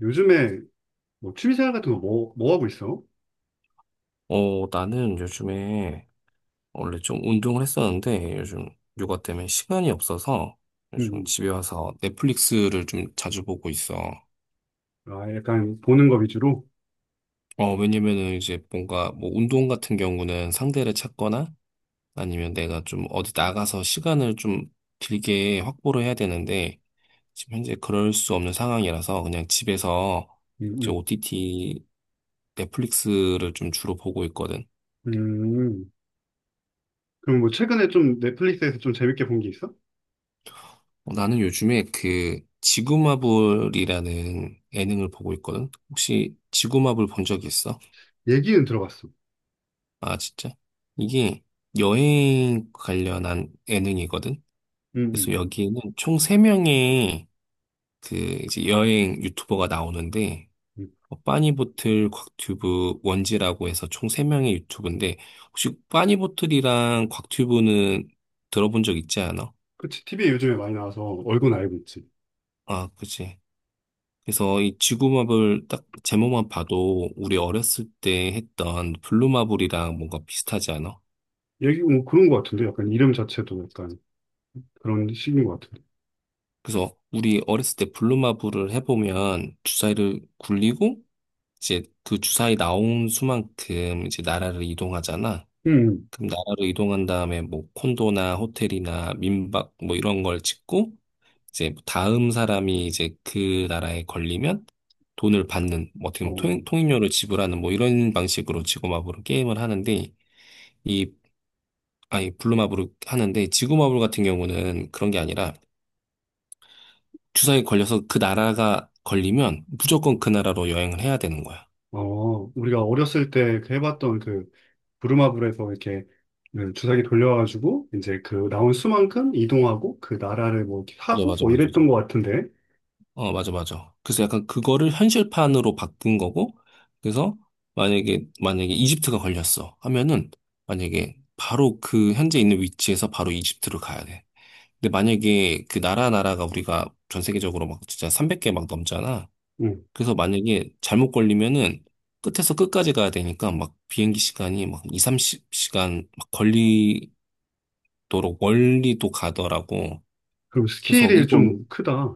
요즘에 뭐 취미생활 같은 거 뭐 하고 있어? 어, 나는 요즘에 원래 좀 운동을 했었는데 요즘 육아 때문에 시간이 없어서 요즘 음, 집에 와서 넷플릭스를 좀 자주 보고 있어. 아, 약간 보는 거 위주로? 어, 왜냐면은 이제 뭔가 뭐 운동 같은 경우는 상대를 찾거나 아니면 내가 좀 어디 나가서 시간을 좀 길게 확보를 해야 되는데 지금 현재 그럴 수 없는 상황이라서 그냥 집에서 음, 이제 음. OTT 넷플릭스를 좀 주로 보고 있거든. 음. 그럼 뭐 최근에 좀 넷플릭스에서 좀 재밌게 본 게 있어? 어, 나는 요즘에 그 지구마블이라는 예능을 보고 있거든. 혹시 지구마블 본 적 있어? 얘기는 들어봤어. 아, 진짜? 이게 여행 관련한 예능이거든. 음, 그래서 음. 여기에는 총 3명의 그 이제 여행 유튜버가 나오는데 음. 어, 빠니보틀, 곽튜브, 원지라고 해서 총 3명의 유튜브인데 혹시 빠니보틀이랑 곽튜브는 들어본 적 있지 않아? 그치, TV에 요즘에 많이 나와서 얼굴 알고 있지. 아, 그치. 그래서 이 지구마블 딱 제목만 봐도 우리 어렸을 때 했던 블루마블이랑 뭔가 비슷하지 않아? 얘기 뭐 그런 거 같은데? 약간 이름 자체도 약간 그런 식인 것 같은데. 그래서 우리 어렸을 때 블루마블을 해보면 주사위를 굴리고 이제 그 주사위 나온 수만큼 이제 나라를 이동하잖아. 음, 음. 그럼 나라를 이동한 다음에 뭐 콘도나 호텔이나 민박 뭐 이런 걸 짓고 이제 다음 사람이 이제 그 나라에 걸리면 돈을 받는 뭐 어떻게 보면 어, 통행료를 지불하는 뭐 이런 방식으로 지구마블은 게임을 하는데 이, 아니, 블루마블을 하는데, 지구마블 같은 경우는 그런 게 아니라, 주사에 걸려서 그 나라가 걸리면 무조건 그 나라로 여행을 해야 되는 거야. 어, 우리가 어렸을 때 그 해봤던 그 부루마블에서 이렇게 그 주사기 돌려가지고 이제 그 나온 수만큼 이동하고 그 나라를 뭐 이렇게 맞아, 하고 맞아, 뭐 맞아. 이랬던 것 같은데. 어, 맞아, 맞아. 그래서 약간 그거를 현실판으로 바꾼 거고, 그래서 만약에 이집트가 걸렸어 하면은, 만약에 바로 그 현재 있는 위치에서 바로 이집트로 가야 돼. 근데 만약에 그 나라가 우리가 전 세계적으로 막 진짜 300개 막 넘잖아. 응. 그래서 만약에 잘못 걸리면은 끝에서 끝까지 가야 되니까 막 비행기 시간이 막 2, 3십시간 막 걸리도록 멀리도 가더라고. 그럼 그래서 스케일이 이걸, 좀 크다.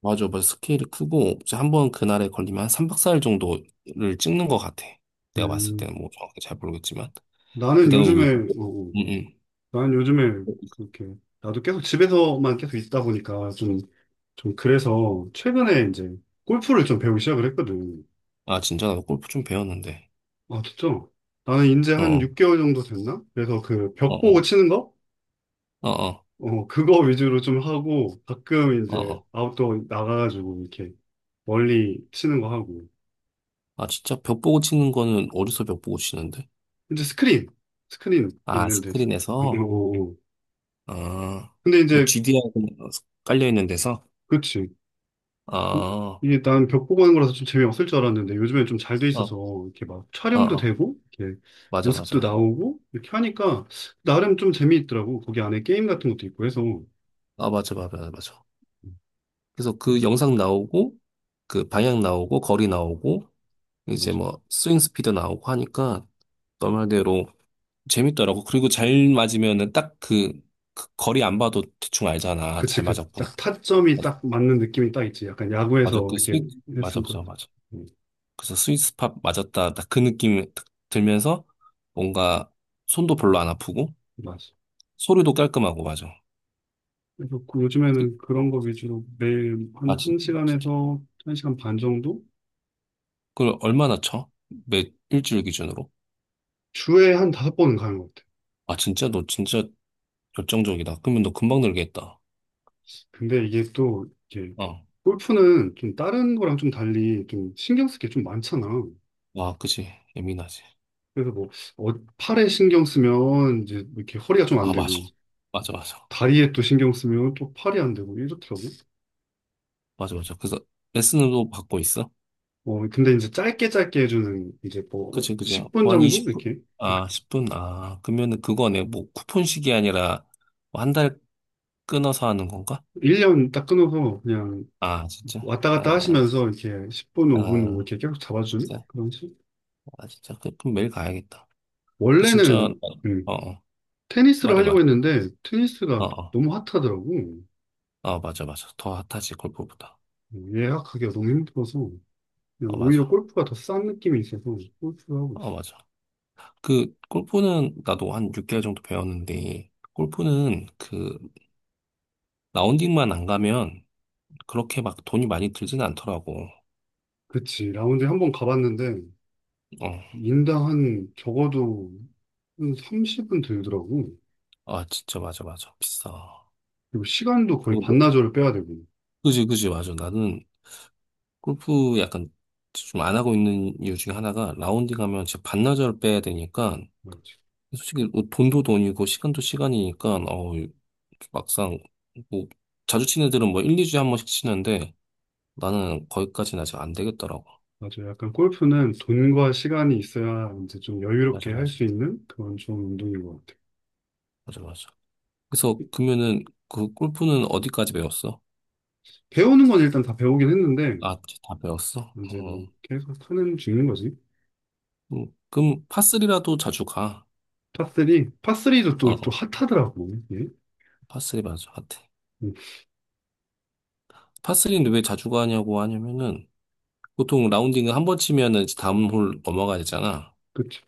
맞아, 맞아. 스케일이 크고, 이제 한번 그날에 걸리면 한 3박 4일 정도를 찍는 것 같아. 내가 봤을 음. 때는 뭐 정확히 잘 모르겠지만. 나는 근데 내가 왜, 요즘에 어, 어. 응, 응. 나는 요즘에 그렇게 나도 계속 집에서만 계속 있다 보니까 좀 그래서 최근에 이제 골프를 좀 배우기 시작을 했거든. 아, 진짜 나도 골프 좀 배웠는데. 아 진짜? 나는 이제 한 어, 6개월 정도 됐나? 그래서 그 어, 벽 보고 어, 치는 거? 어, 어, 어, 그거 위주로 좀 하고, 가끔 어. 이제 어. 아웃도어 나가가지고 이렇게 멀리 치는 거 하고. 아, 진짜 벽 보고 치는 거는 어디서 벽 보고 치는데? 이제 스크린 아, 있는데. 어, 어, 스크린에서? 어. 어. 아, 근데 뭐 이제, GD하고 깔려 있는 데서? 그치. 아, 이, 어, 이게 난 벽 보고 하는 거라서 좀 재미없을 줄 알았는데, 요즘엔 좀 잘 돼 있어서, 어, 이렇게 막 촬영도 어, 되고, 이렇게 맞아, 모습도 맞아. 나오고, 이렇게 하니까, 나름 좀 재미있더라고. 거기 안에 게임 같은 것도 있고 해서. 아, 맞아, 맞아, 맞아. 맞아. 그래서 그 음, 영상 나오고, 그 방향 나오고, 거리 나오고, 이제 맞아. 뭐 스윙 스피드 나오고 하니까 너 말대로 재밌더라고. 그리고 잘 맞으면은 딱 그, 그 거리 안 봐도 대충 알잖아. 그치, 잘 맞았구나. 딱 타점이 딱 맞는 느낌이 딱 있지. 약간 맞아, 야구에서 그 이렇게 스윗, 맞아, 했을 거. 맞아, 맞아. 그래서 스윗 스팟 맞았다. 딱 그 느낌 딱 들면서 뭔가 손도 별로 안 아프고, 맞아. 소리도 깔끔하고, 맞아. 그래서 그 요즘에는 그런 거 위주로 매일 한 아, 진짜. 1시간에서 1시간 반 정도? 그걸 얼마나 쳐? 일주일 기준으로? 주에 한 다섯 번은 가는 것 같아. 아, 진짜? 너 진짜 열정적이다. 그러면 너 금방 늘겠다. 근데 어. 골프는 좀 다른 거랑 좀 달리 좀 신경 쓸 게 좀 많잖아. 와, 그치. 예민하지. 그래서 뭐, 팔에 신경 쓰면 이제 뭐 이렇게 허리가 좀 안 아, 맞아. 되고, 맞아, 맞아. 다리에 또 신경 쓰면 또 팔이 안 되고, 이렇더라고. 맞아, 맞아. 그래서 레슨도 받고 있어? 어, 근데 이제 짧게 짧게 해주는 이제 뭐, 그치, 그치. 10분 뭐한 정도? 20분? 이렇게. 아, 10분? 아, 그러면은 그거네. 뭐, 쿠폰식이 아니라, 뭐 한 달 끊어서 하는 건가? 1년 딱 끊어서 그냥 아, 진짜? 왔다 갔다 아, 하시면서 이렇게 10분, 5분 뭐 아, 이렇게 계속 잡아주는 진짜? 그런 식? 아, 진짜? 그럼 매일 가야겠다. 근데 진짜, 원래는 음, 어, 어. 테니스를 말해, 하려고 말해. 했는데 어, 테니스가 어, 너무 핫하더라고. 어, 맞아, 맞아. 더 핫하지, 골프보다. 예약하기가 너무 힘들어서 그냥 어, 오히려 맞아. 골프가 더 싼 느낌이 있어서 골프를 하고 어, 있어. 맞아. 그, 골프는 나도 한 6개월 정도 배웠는데, 골프는 그, 라운딩만 안 가면 그렇게 막 돈이 많이 들진 않더라고. 그치. 라운드에 한 번 가봤는데 어, 인당 한 적어도 한 30은 들더라고. 아, 진짜 맞아, 맞아. 비싸. 그리고 시간도 그, 거의 뭐- 반나절을 빼야 되고. 그지, 그지, 맞아. 나는 골프 약간 좀 안 하고 있는 이유 중에 하나가 라운딩 하면 진짜 반나절 빼야 되니까 맞지. 솔직히 뭐 돈도 돈이고 시간도 시간이니까 어 막상 뭐 자주 치는 애들은 뭐 1, 2주에 한 번씩 치는데 나는 거기까지는 아직 안 되겠더라고. 맞아요. 약간 골프는 돈과 시간이 있어야 이제 좀 맞아, 여유롭게 할 맞아. 수 있는 그런 좋은 운동인 것 같아요. 맞아, 맞아. 그래서 그러면은 그 골프는 어디까지 배웠어? 배우는 건 일단 다 배우긴 했는데 아, 다 배웠어? 이제 어. 뭐 계속 타는 중인 거지. 그럼 파3리라도 자주 가. 파3, 파3도 어, 또 어. 핫하더라고. 예? 파3리 맞아. 같아. 음, 파3리는 왜 자주 가냐고 하냐면은 보통 라운딩을 한 번 치면은 이제 다음 홀 넘어가야 되잖아. 그치.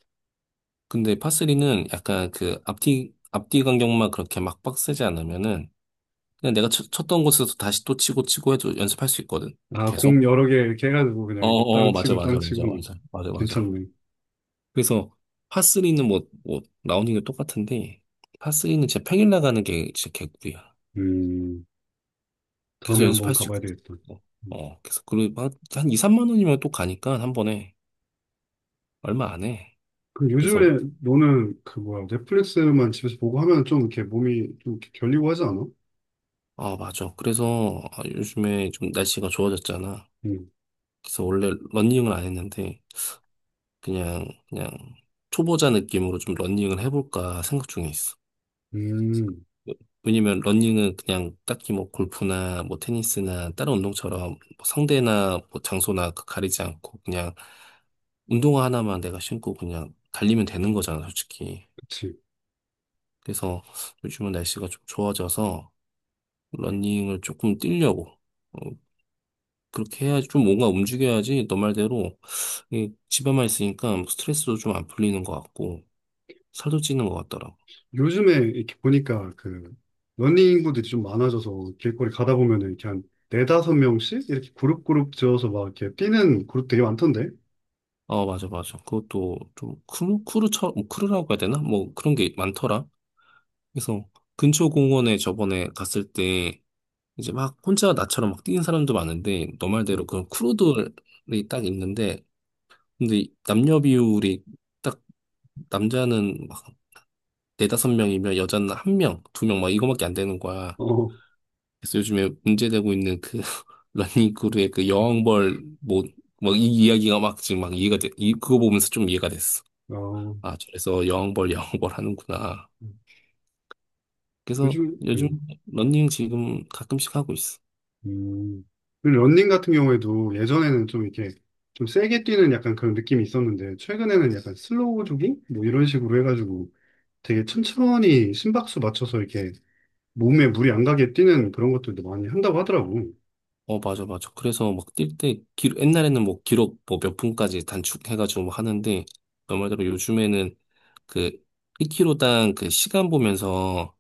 근데 파스리는 약간 그 앞뒤 간격만 그렇게 막 빡세지 않으면은 그냥 내가 쳤, 던 곳에서 다시 또 치고 치고 해도 연습할 수 있거든. 아, 공 계속. 여러 개 이렇게 해가지고 그냥 어, 이렇게 땅 어, 맞아, 치고 땅 맞아, 맞아, 치고 맞아, 맞아, 맞아. 괜찮네. 그래서 파스리는 뭐, 라운딩도 똑같은데 파스리는 진짜 평일 나가는 게 진짜 개꿀이야. 음, 다음에 계속 한번 연습할 수 가봐야 있거든. 되겠다. 어, 음. 어, 그래서 그리고 한 2, 3만 원이면 또 가니까 한 번에 얼마 안 해. 그 그래서 뭐, 요즘에 너는 그 뭐야 넷플릭스만 집에서 보고 하면 좀 이렇게 몸이 좀 이렇게 결리고 하지 않아? 아, 맞아. 그래서 아, 요즘에 좀 날씨가 좋아졌잖아. 음, 그래서 원래 러닝을 안 했는데 그냥 초보자 느낌으로 좀 러닝을 해볼까 생각 중에 있어. 음, 뭐 왜냐면 러닝은 그냥 딱히 뭐 골프나 뭐 테니스나 다른 운동처럼 뭐 상대나 뭐 장소나 가리지 않고 그냥 운동화 하나만 내가 신고 그냥 달리면 되는 거잖아, 솔직히. 그치. 그래서 요즘은 날씨가 좀 좋아져서 러닝을 조금 뛰려고. 어, 그렇게 해야지 좀 뭔가 움직여야지 너 말대로 이 집에만 있으니까 스트레스도 좀 안 풀리는 것 같고 살도 찌는 것 같더라고. 요즘에 이렇게 보니까 그 러닝 인구들이 좀 많아져서 길거리 가다 보면은 이렇게 한 네다섯 명씩 이렇게 그룹 그룹 지어서 막 이렇게 뛰는 그룹 되게 많던데. 어, 맞아, 맞아. 그것도 좀 크루처럼, 뭐 크루라고 해야 되나? 뭐 그런 게 많더라. 그래서 근처 공원에 저번에 갔을 때 이제 막 혼자 나처럼 막 뛰는 사람도 많은데 너 말대로 음. 그런 크루들이 딱 있는데 근데 이 남녀 비율이 딱 남자는 막 네다섯 명이면 여자는 한 명, 두 명 막 이거밖에 안 되는 거야. 어, 그래서 요즘에 문제되고 있는 그 러닝크루의 그 여왕벌 뭐막이 이야기가 막 지금 막 이해가 돼. 이 그거 보면서 좀 이해가 됐어. 어, 아, 저래서 여왕벌 여왕벌 하는구나. 그래서 요즘, 요즘 러닝 지금 가끔씩 하고 있어. 음. 그리고 러닝 같은 경우에도 예전에는 좀 이렇게 좀 세게 뛰는 약간 그런 느낌이 있었는데 최근에는 약간 슬로우 조깅? 뭐 이런 식으로 해가지고 되게 천천히 심박수 맞춰서 이렇게 몸에 무리 안 가게 뛰는 그런 것들도 많이 한다고 하더라고. 어, 맞아, 맞아. 그래서 막 뛸 때, 옛날에는 뭐 기록 뭐 몇 분까지 단축해가지고 뭐 하는데, 너 말대로 요즘에는 그 1km당 그 시간 보면서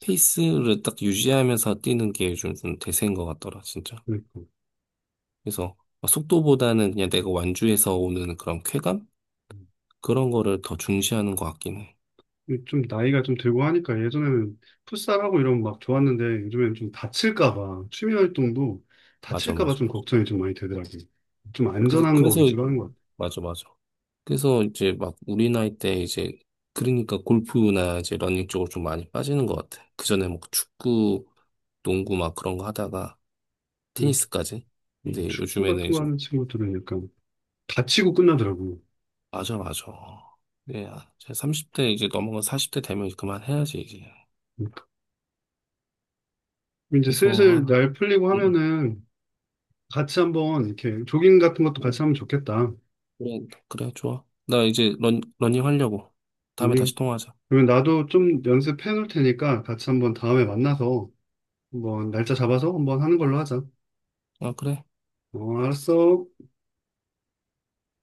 페이스를 딱 유지하면서 뛰는 게 요즘 좀 대세인 것 같더라, 진짜. 그러니까. 그래서 어, 속도보다는 그냥 내가 완주해서 오는 그런 쾌감? 그런 거를 더 중시하는 것 같긴 해. 좀 나이가 좀 들고 하니까 예전에는 풋살하고 이러면 막 좋았는데 요즘에는 좀 다칠까 봐 취미 활동도 맞아, 다칠까 봐 맞아, 좀 맞아. 걱정이 좀 많이 되더라고요. 좀 그래서, 안전한 거 그래서, 위주로 하는 것 같아요. 맞아, 맞아. 그래서 이제 막 우리 나이 때 이제, 그러니까 골프나 이제 러닝 쪽으로 좀 많이 빠지는 것 같아. 그전에 뭐 축구, 농구 막 그런 거 하다가 음, 테니스까지. 근데 축구 요즘에는 같은 거 이제, 하는 친구들은 약간 다치고 끝나더라고요. 맞아, 맞아. 네, 제 30대 이제 넘어가 40대 되면 그만해야지, 이제. 음, 이제 그래서, 슬슬 아, 날 풀리고 음. 하면은 같이 한번 이렇게 조깅 같은 것도 음. 같이 하면 좋겠다. 그래, 그래, 좋아. 나 이제 러닝 하려고. 다음에 다시 러닝. 통화하자. 그러면 나도 좀 연습해 놓을 테니까 같이 한번 다음에 만나서 한번 날짜 잡아서 한번 하는 걸로 하자. 아, 그래. 어, 알았어.